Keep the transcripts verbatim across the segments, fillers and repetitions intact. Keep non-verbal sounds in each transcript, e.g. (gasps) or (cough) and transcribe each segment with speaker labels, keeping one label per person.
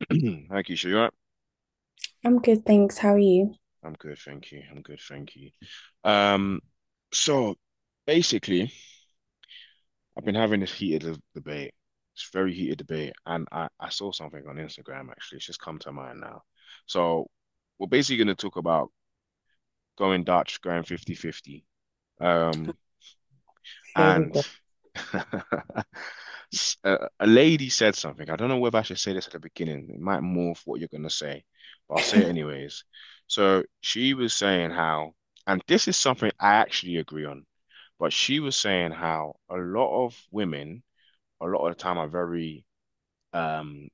Speaker 1: (clears throat) Thank you, sure you are.
Speaker 2: I'm good, thanks. How are you?
Speaker 1: I'm good, thank you. I'm good, thank you. Um, so basically, I've been having this heated l- debate. It's very heated debate, and I, I saw something on Instagram actually. It's just come to mind now. So we're basically going to talk about going Dutch, going fifty fifty. Um,
Speaker 2: Very
Speaker 1: And
Speaker 2: good.
Speaker 1: (laughs) s- a a lady said something. I don't know whether I should say this at the beginning. It might morph what you're going to say, but I'll say it anyways. So she was saying how, and this is something I actually agree on, but she was saying how a lot of women, a lot of the time, are very um,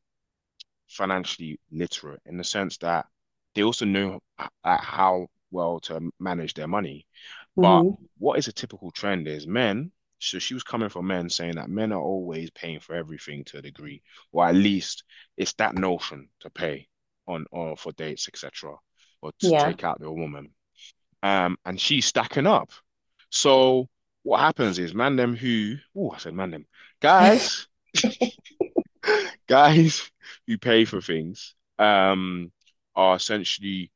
Speaker 1: financially literate in the sense that they also know h- uh, how well to manage their money. But
Speaker 2: Hmm.
Speaker 1: what is a typical trend is men, so she was coming from men saying that men are always paying for everything to a degree, or at least it's that notion to pay on or for dates, et cetera, or to
Speaker 2: Yeah.
Speaker 1: take out the woman. Um, and she's stacking up. So what happens is man them who, oh, I said man them,
Speaker 2: (laughs)
Speaker 1: guys, (laughs) guys who pay for things, um, are essentially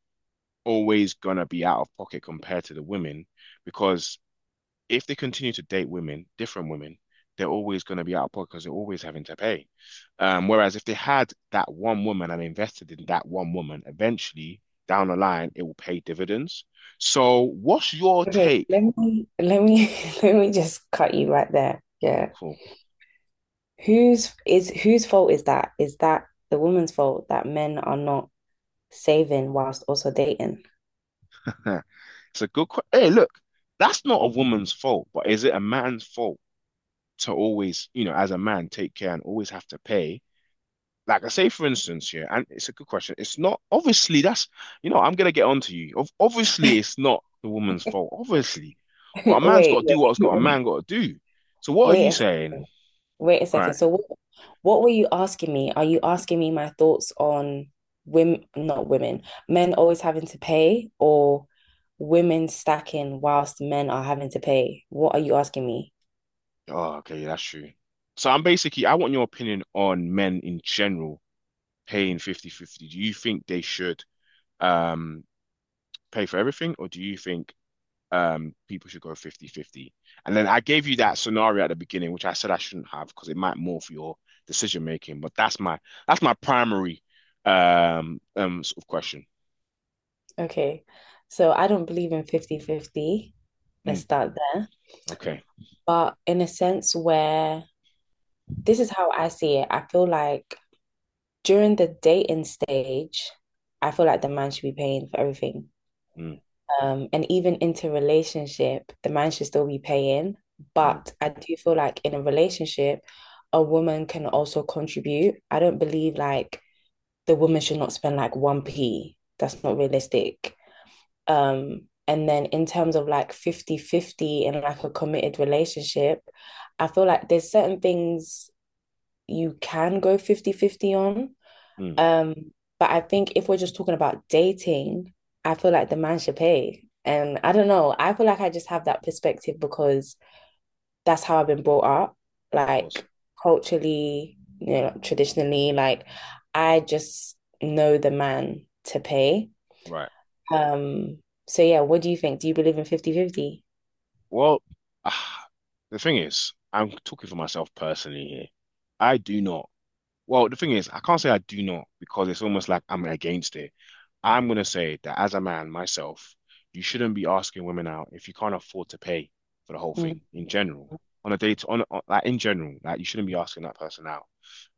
Speaker 1: always gonna be out of pocket compared to the women because if they continue to date women, different women, they're always going to be out of pocket because they're always having to pay. Um, whereas if they had that one woman and invested in that one woman, eventually down the line, it will pay dividends. So, what's your
Speaker 2: Okay,
Speaker 1: take?
Speaker 2: let me let me (laughs) let me just cut you right there. Yeah.
Speaker 1: Cool.
Speaker 2: Whose is whose fault is that? Is that the woman's fault that men are not saving whilst also dating?
Speaker 1: (laughs) It's a good question. Hey, look, that's not a woman's fault, but is it a man's fault to always, you know, as a man, take care and always have to pay like I say, for instance, yeah, and it's a good question. It's not obviously that's you know I'm gonna get on to you. Ob- Obviously, it's
Speaker 2: (laughs)
Speaker 1: not the woman's fault, obviously, but a
Speaker 2: Wait,
Speaker 1: man's
Speaker 2: wait,
Speaker 1: got to do what's got a man got to do. So what are you
Speaker 2: wait.
Speaker 1: saying?
Speaker 2: Wait. Wait a
Speaker 1: All
Speaker 2: second.
Speaker 1: right.
Speaker 2: So what what were you asking me? Are you asking me my thoughts on women, not women, men always having to pay or women stacking whilst men are having to pay? What are you asking me?
Speaker 1: Oh, okay, that's true. So I'm basically I want your opinion on men in general paying fifty fifty. Do you think they should um pay for everything, or do you think um, people should go fifty-fifty, and then I gave you that scenario at the beginning, which I said I shouldn't have because it might morph your decision making. But that's my that's my primary um um sort of question.
Speaker 2: Okay. So I don't believe in fifty fifty. Let's
Speaker 1: Mm,
Speaker 2: start there.
Speaker 1: okay.
Speaker 2: But in a sense where this is how I see it, I feel like during the dating stage, I feel like the man should be paying for everything.
Speaker 1: Mm,
Speaker 2: Um, and even into relationship, the man should still be paying.
Speaker 1: mm,
Speaker 2: But I do feel like in a relationship, a woman can also contribute. I don't believe like the woman should not spend like one p. That's not realistic. Um, and then in terms of like fifty fifty in like a committed relationship, I feel like there's certain things you can go fifty fifty on,
Speaker 1: mm, of
Speaker 2: um, but I think if we're just talking about dating, I feel like the man should pay. And I don't know, I feel like I just have that perspective because that's how I've been brought up,
Speaker 1: course.
Speaker 2: like culturally, you know, traditionally, like I just know the man to pay.
Speaker 1: Right.
Speaker 2: Um, so yeah, what do you think? Do you believe in fifty fifty?
Speaker 1: Well, ah, the thing is, I'm talking for myself personally here. I do not. Well, the thing is, I can't say I do not because it's almost like I'm against it. I'm gonna say that as a man myself, you shouldn't be asking women out if you can't afford to pay for the whole
Speaker 2: Mm.
Speaker 1: thing in general. On a date, on, on like in general, like you shouldn't be asking that person out.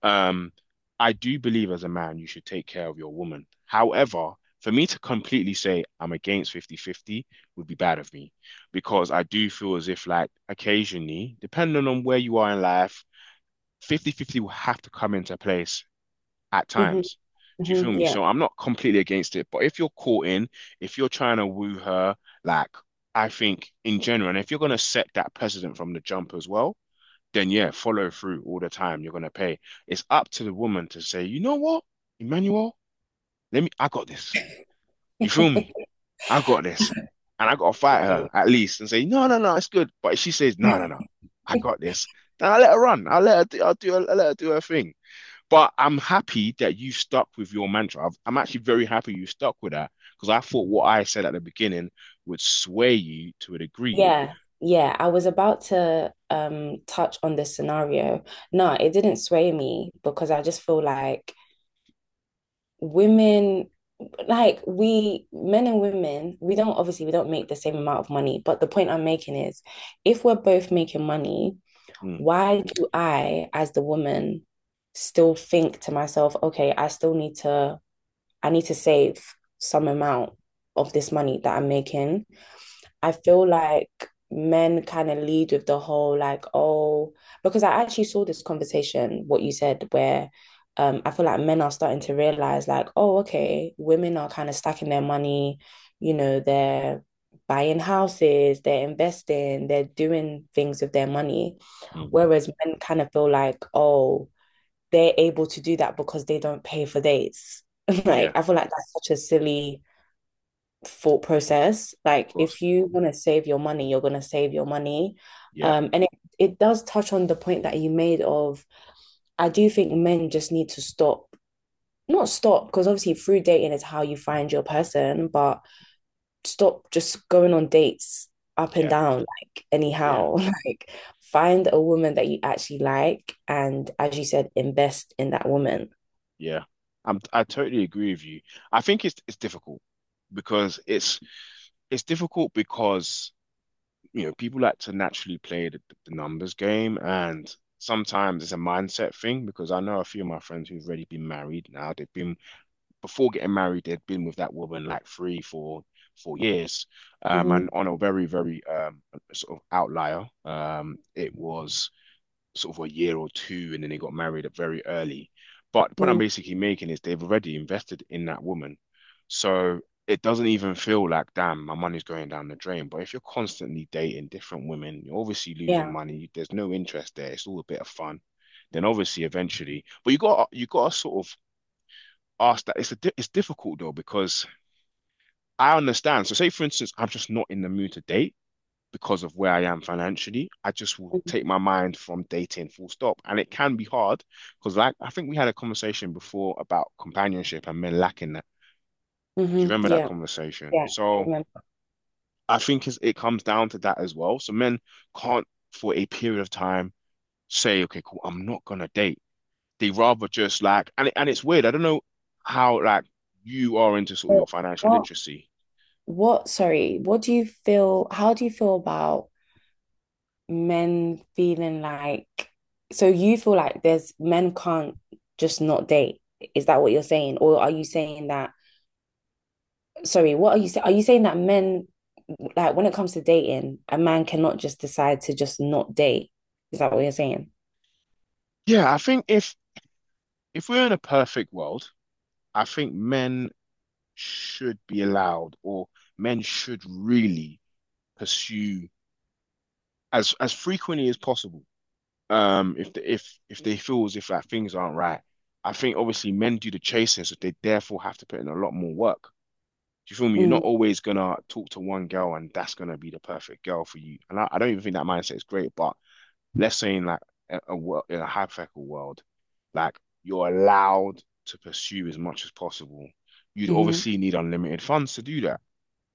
Speaker 1: Um, I do believe as a man you should take care of your woman. However, for me to completely say I'm against fifty-fifty would be bad of me because I do feel as if like occasionally, depending on where you are in life, fifty-fifty will have to come into place at
Speaker 2: Mhm,
Speaker 1: times. Do you feel
Speaker 2: mhm.
Speaker 1: me?
Speaker 2: Yeah.
Speaker 1: So I'm not completely against it, but if you're caught in, if you're trying to woo her, like I think in general, and if you're gonna set that precedent from the jump as well, then yeah, follow through all the time. You're gonna pay. It's up to the woman to say, you know what, Emmanuel, let me, I got this. You feel me? I got this. And I gotta fight her
Speaker 2: Okay.
Speaker 1: at least and say, no, no, no, it's good. But if she says, no, no, no, I got this, then I let her run. I let her do, I'll do, I let her do her thing. But I'm happy that you stuck with your mantra. I've, I'm actually very happy you stuck with that because I thought what I said at the beginning would sway you to a degree.
Speaker 2: Yeah. Yeah. I was about to um touch on this scenario. No, it didn't sway me because I just feel like women, like, we, men and women, we don't, obviously we don't make the same amount of money, but the point I'm making is if we're both making money,
Speaker 1: Mm,
Speaker 2: why do I, as the woman, still think to myself, okay, I still need to i need to save some amount of this money that I'm making. I feel like men kind of lead with the whole like, oh, because I actually saw this conversation, what you said, where um, I feel like men are starting to realize like, oh, okay, women are kind of stacking their money, you know, they're buying houses, they're investing, they're doing things with their money.
Speaker 1: mm.
Speaker 2: Whereas men kind of feel like, oh, they're able to do that because they don't pay for dates. (laughs)
Speaker 1: Yeah,
Speaker 2: Like,
Speaker 1: of
Speaker 2: I feel like that's such a silly thought process. Like
Speaker 1: course.
Speaker 2: if you want to save your money, you're going to save your money.
Speaker 1: Yeah,
Speaker 2: Um, and it, it does touch on the point that you made of, I do think men just need to stop, not stop, because obviously through dating is how you find your person, but stop just going on dates up and
Speaker 1: yeah,
Speaker 2: down like
Speaker 1: yeah,
Speaker 2: anyhow (laughs) like find a woman that you actually like, and as you said, invest in that woman.
Speaker 1: yeah. I'm, I totally agree with you. I think it's it's difficult because it's it's difficult because you know people like to naturally play the, the numbers game, and sometimes it's a mindset thing because I know a few of my friends who've already been married. Now they've been, before getting married, they'd been with that woman like three, four, four years. Um, and
Speaker 2: Hmm,
Speaker 1: on a very, very um, sort of outlier, um, it was sort of a year or two, and then they got married very early. But the point I'm basically making is they've already invested in that woman. So it doesn't even feel like, damn, my money's going down the drain. But if you're constantly dating different women, you're obviously losing
Speaker 2: yeah.
Speaker 1: money. There's no interest there. It's all a bit of fun. Then obviously eventually, but you got you got to sort of ask that. It's a it's difficult though because I understand. So say for instance, I'm just not in the mood to date because of where I am financially. I just will take my mind from dating full stop, and it can be hard because like I think we had a conversation before about companionship and men lacking that. Do you
Speaker 2: Hmm,
Speaker 1: remember that
Speaker 2: yeah,
Speaker 1: conversation?
Speaker 2: yeah, I
Speaker 1: So
Speaker 2: remember.
Speaker 1: I think it comes down to that as well. So men can't, for a period of time, say, okay, cool, I'm not gonna date. They rather just like, and it- and it's weird. I don't know how like you are into sort of your financial
Speaker 2: what
Speaker 1: literacy.
Speaker 2: what sorry, what do you feel, how do you feel about men feeling like, so you feel like there's men can't just not date. Is that what you're saying? Or are you saying that, sorry, what are you saying? Are you saying that men, like when it comes to dating, a man cannot just decide to just not date? Is that what you're saying?
Speaker 1: Yeah, I think if if we're in a perfect world, I think men should be allowed, or men should really pursue as as frequently as possible. Um, if the, if if they feel as if like things aren't right, I think obviously men do the chasing, so they therefore have to put in a lot more work. Do you feel me? You're
Speaker 2: Mm,
Speaker 1: not always gonna talk to one girl and that's gonna be the perfect girl for you. And I, I don't even think that mindset is great, but let's say in like a, a world, in a hypothetical world, like you're allowed to pursue as much as possible. You'd
Speaker 2: mhm.
Speaker 1: obviously need unlimited funds to do that,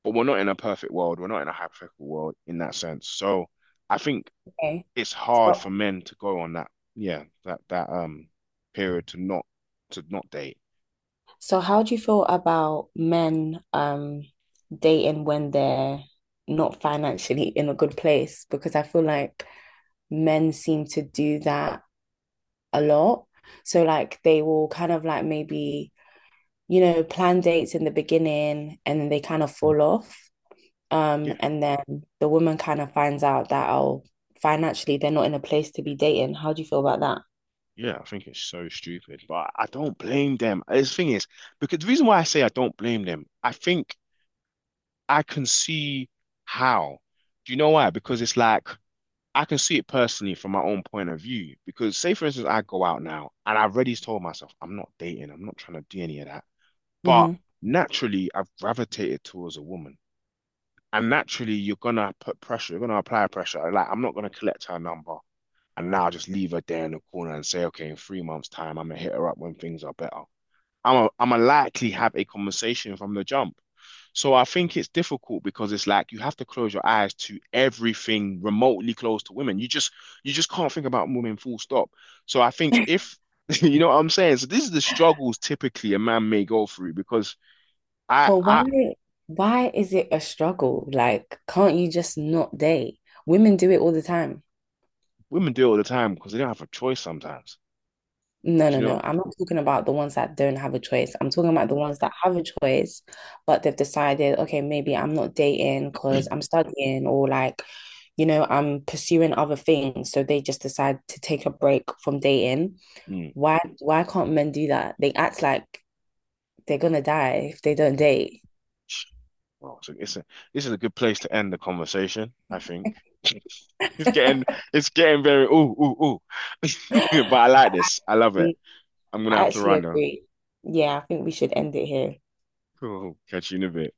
Speaker 1: but we're not in a perfect world. We're not in a hypothetical world in that sense. So I think
Speaker 2: Okay.
Speaker 1: it's hard for
Speaker 2: So
Speaker 1: men to go on that, yeah, that that um period to not to not date.
Speaker 2: so how do you feel about men um dating when they're not financially in a good place? Because I feel like men seem to do that a lot. So like they will kind of like maybe, you know, plan dates in the beginning and then they kind of fall off. Um,
Speaker 1: Yeah,
Speaker 2: and then the woman kind of finds out that oh, financially they're not in a place to be dating. How do you feel about that?
Speaker 1: yeah, I think it's so stupid, but I don't blame them. The thing is, because the reason why I say I don't blame them, I think I can see how. Do you know why? Because it's like I can see it personally from my own point of view. Because say for instance, I go out now and I've already told myself I'm not dating, I'm not trying to do any of that. But
Speaker 2: Hmm.
Speaker 1: naturally, I've gravitated towards a woman. And naturally, you're gonna put pressure, you're gonna apply pressure. Like I'm not gonna collect her number and now just leave her there in the corner and say, okay, in three months' time, I'm gonna hit her up when things are better. I'm a, I'm a likely have a conversation from the jump. So I think it's difficult because it's like you have to close your eyes to everything remotely close to women. You just you just can't think about women full stop. So I think if (laughs) you know what I'm saying, so this is the struggles typically a man may go through because I
Speaker 2: But why
Speaker 1: I
Speaker 2: why is it a struggle? Like, can't you just not date? Women do it all the time.
Speaker 1: women do it all the time because they don't have a choice sometimes.
Speaker 2: No,
Speaker 1: Do
Speaker 2: no,
Speaker 1: you know?
Speaker 2: no. I'm not talking about the ones that don't have a choice. I'm talking about the
Speaker 1: Ooh,
Speaker 2: ones that have a choice, but they've decided, okay, maybe I'm not dating because I'm studying or like, you know, I'm pursuing other things. So they just decide to take a break from dating.
Speaker 1: mm.
Speaker 2: Why, why can't men do that? They act like they're gonna die if they don't date. (gasps)
Speaker 1: Well, so it's a this is a good place to end the conversation, I think. (laughs) It's getting it's getting very ooh ooh ooh. (laughs) But I
Speaker 2: (laughs)
Speaker 1: like this. I love it. I'm gonna
Speaker 2: I
Speaker 1: have to
Speaker 2: actually
Speaker 1: run though.
Speaker 2: agree. Yeah, I think we should end it here.
Speaker 1: Cool. Catch you in a bit.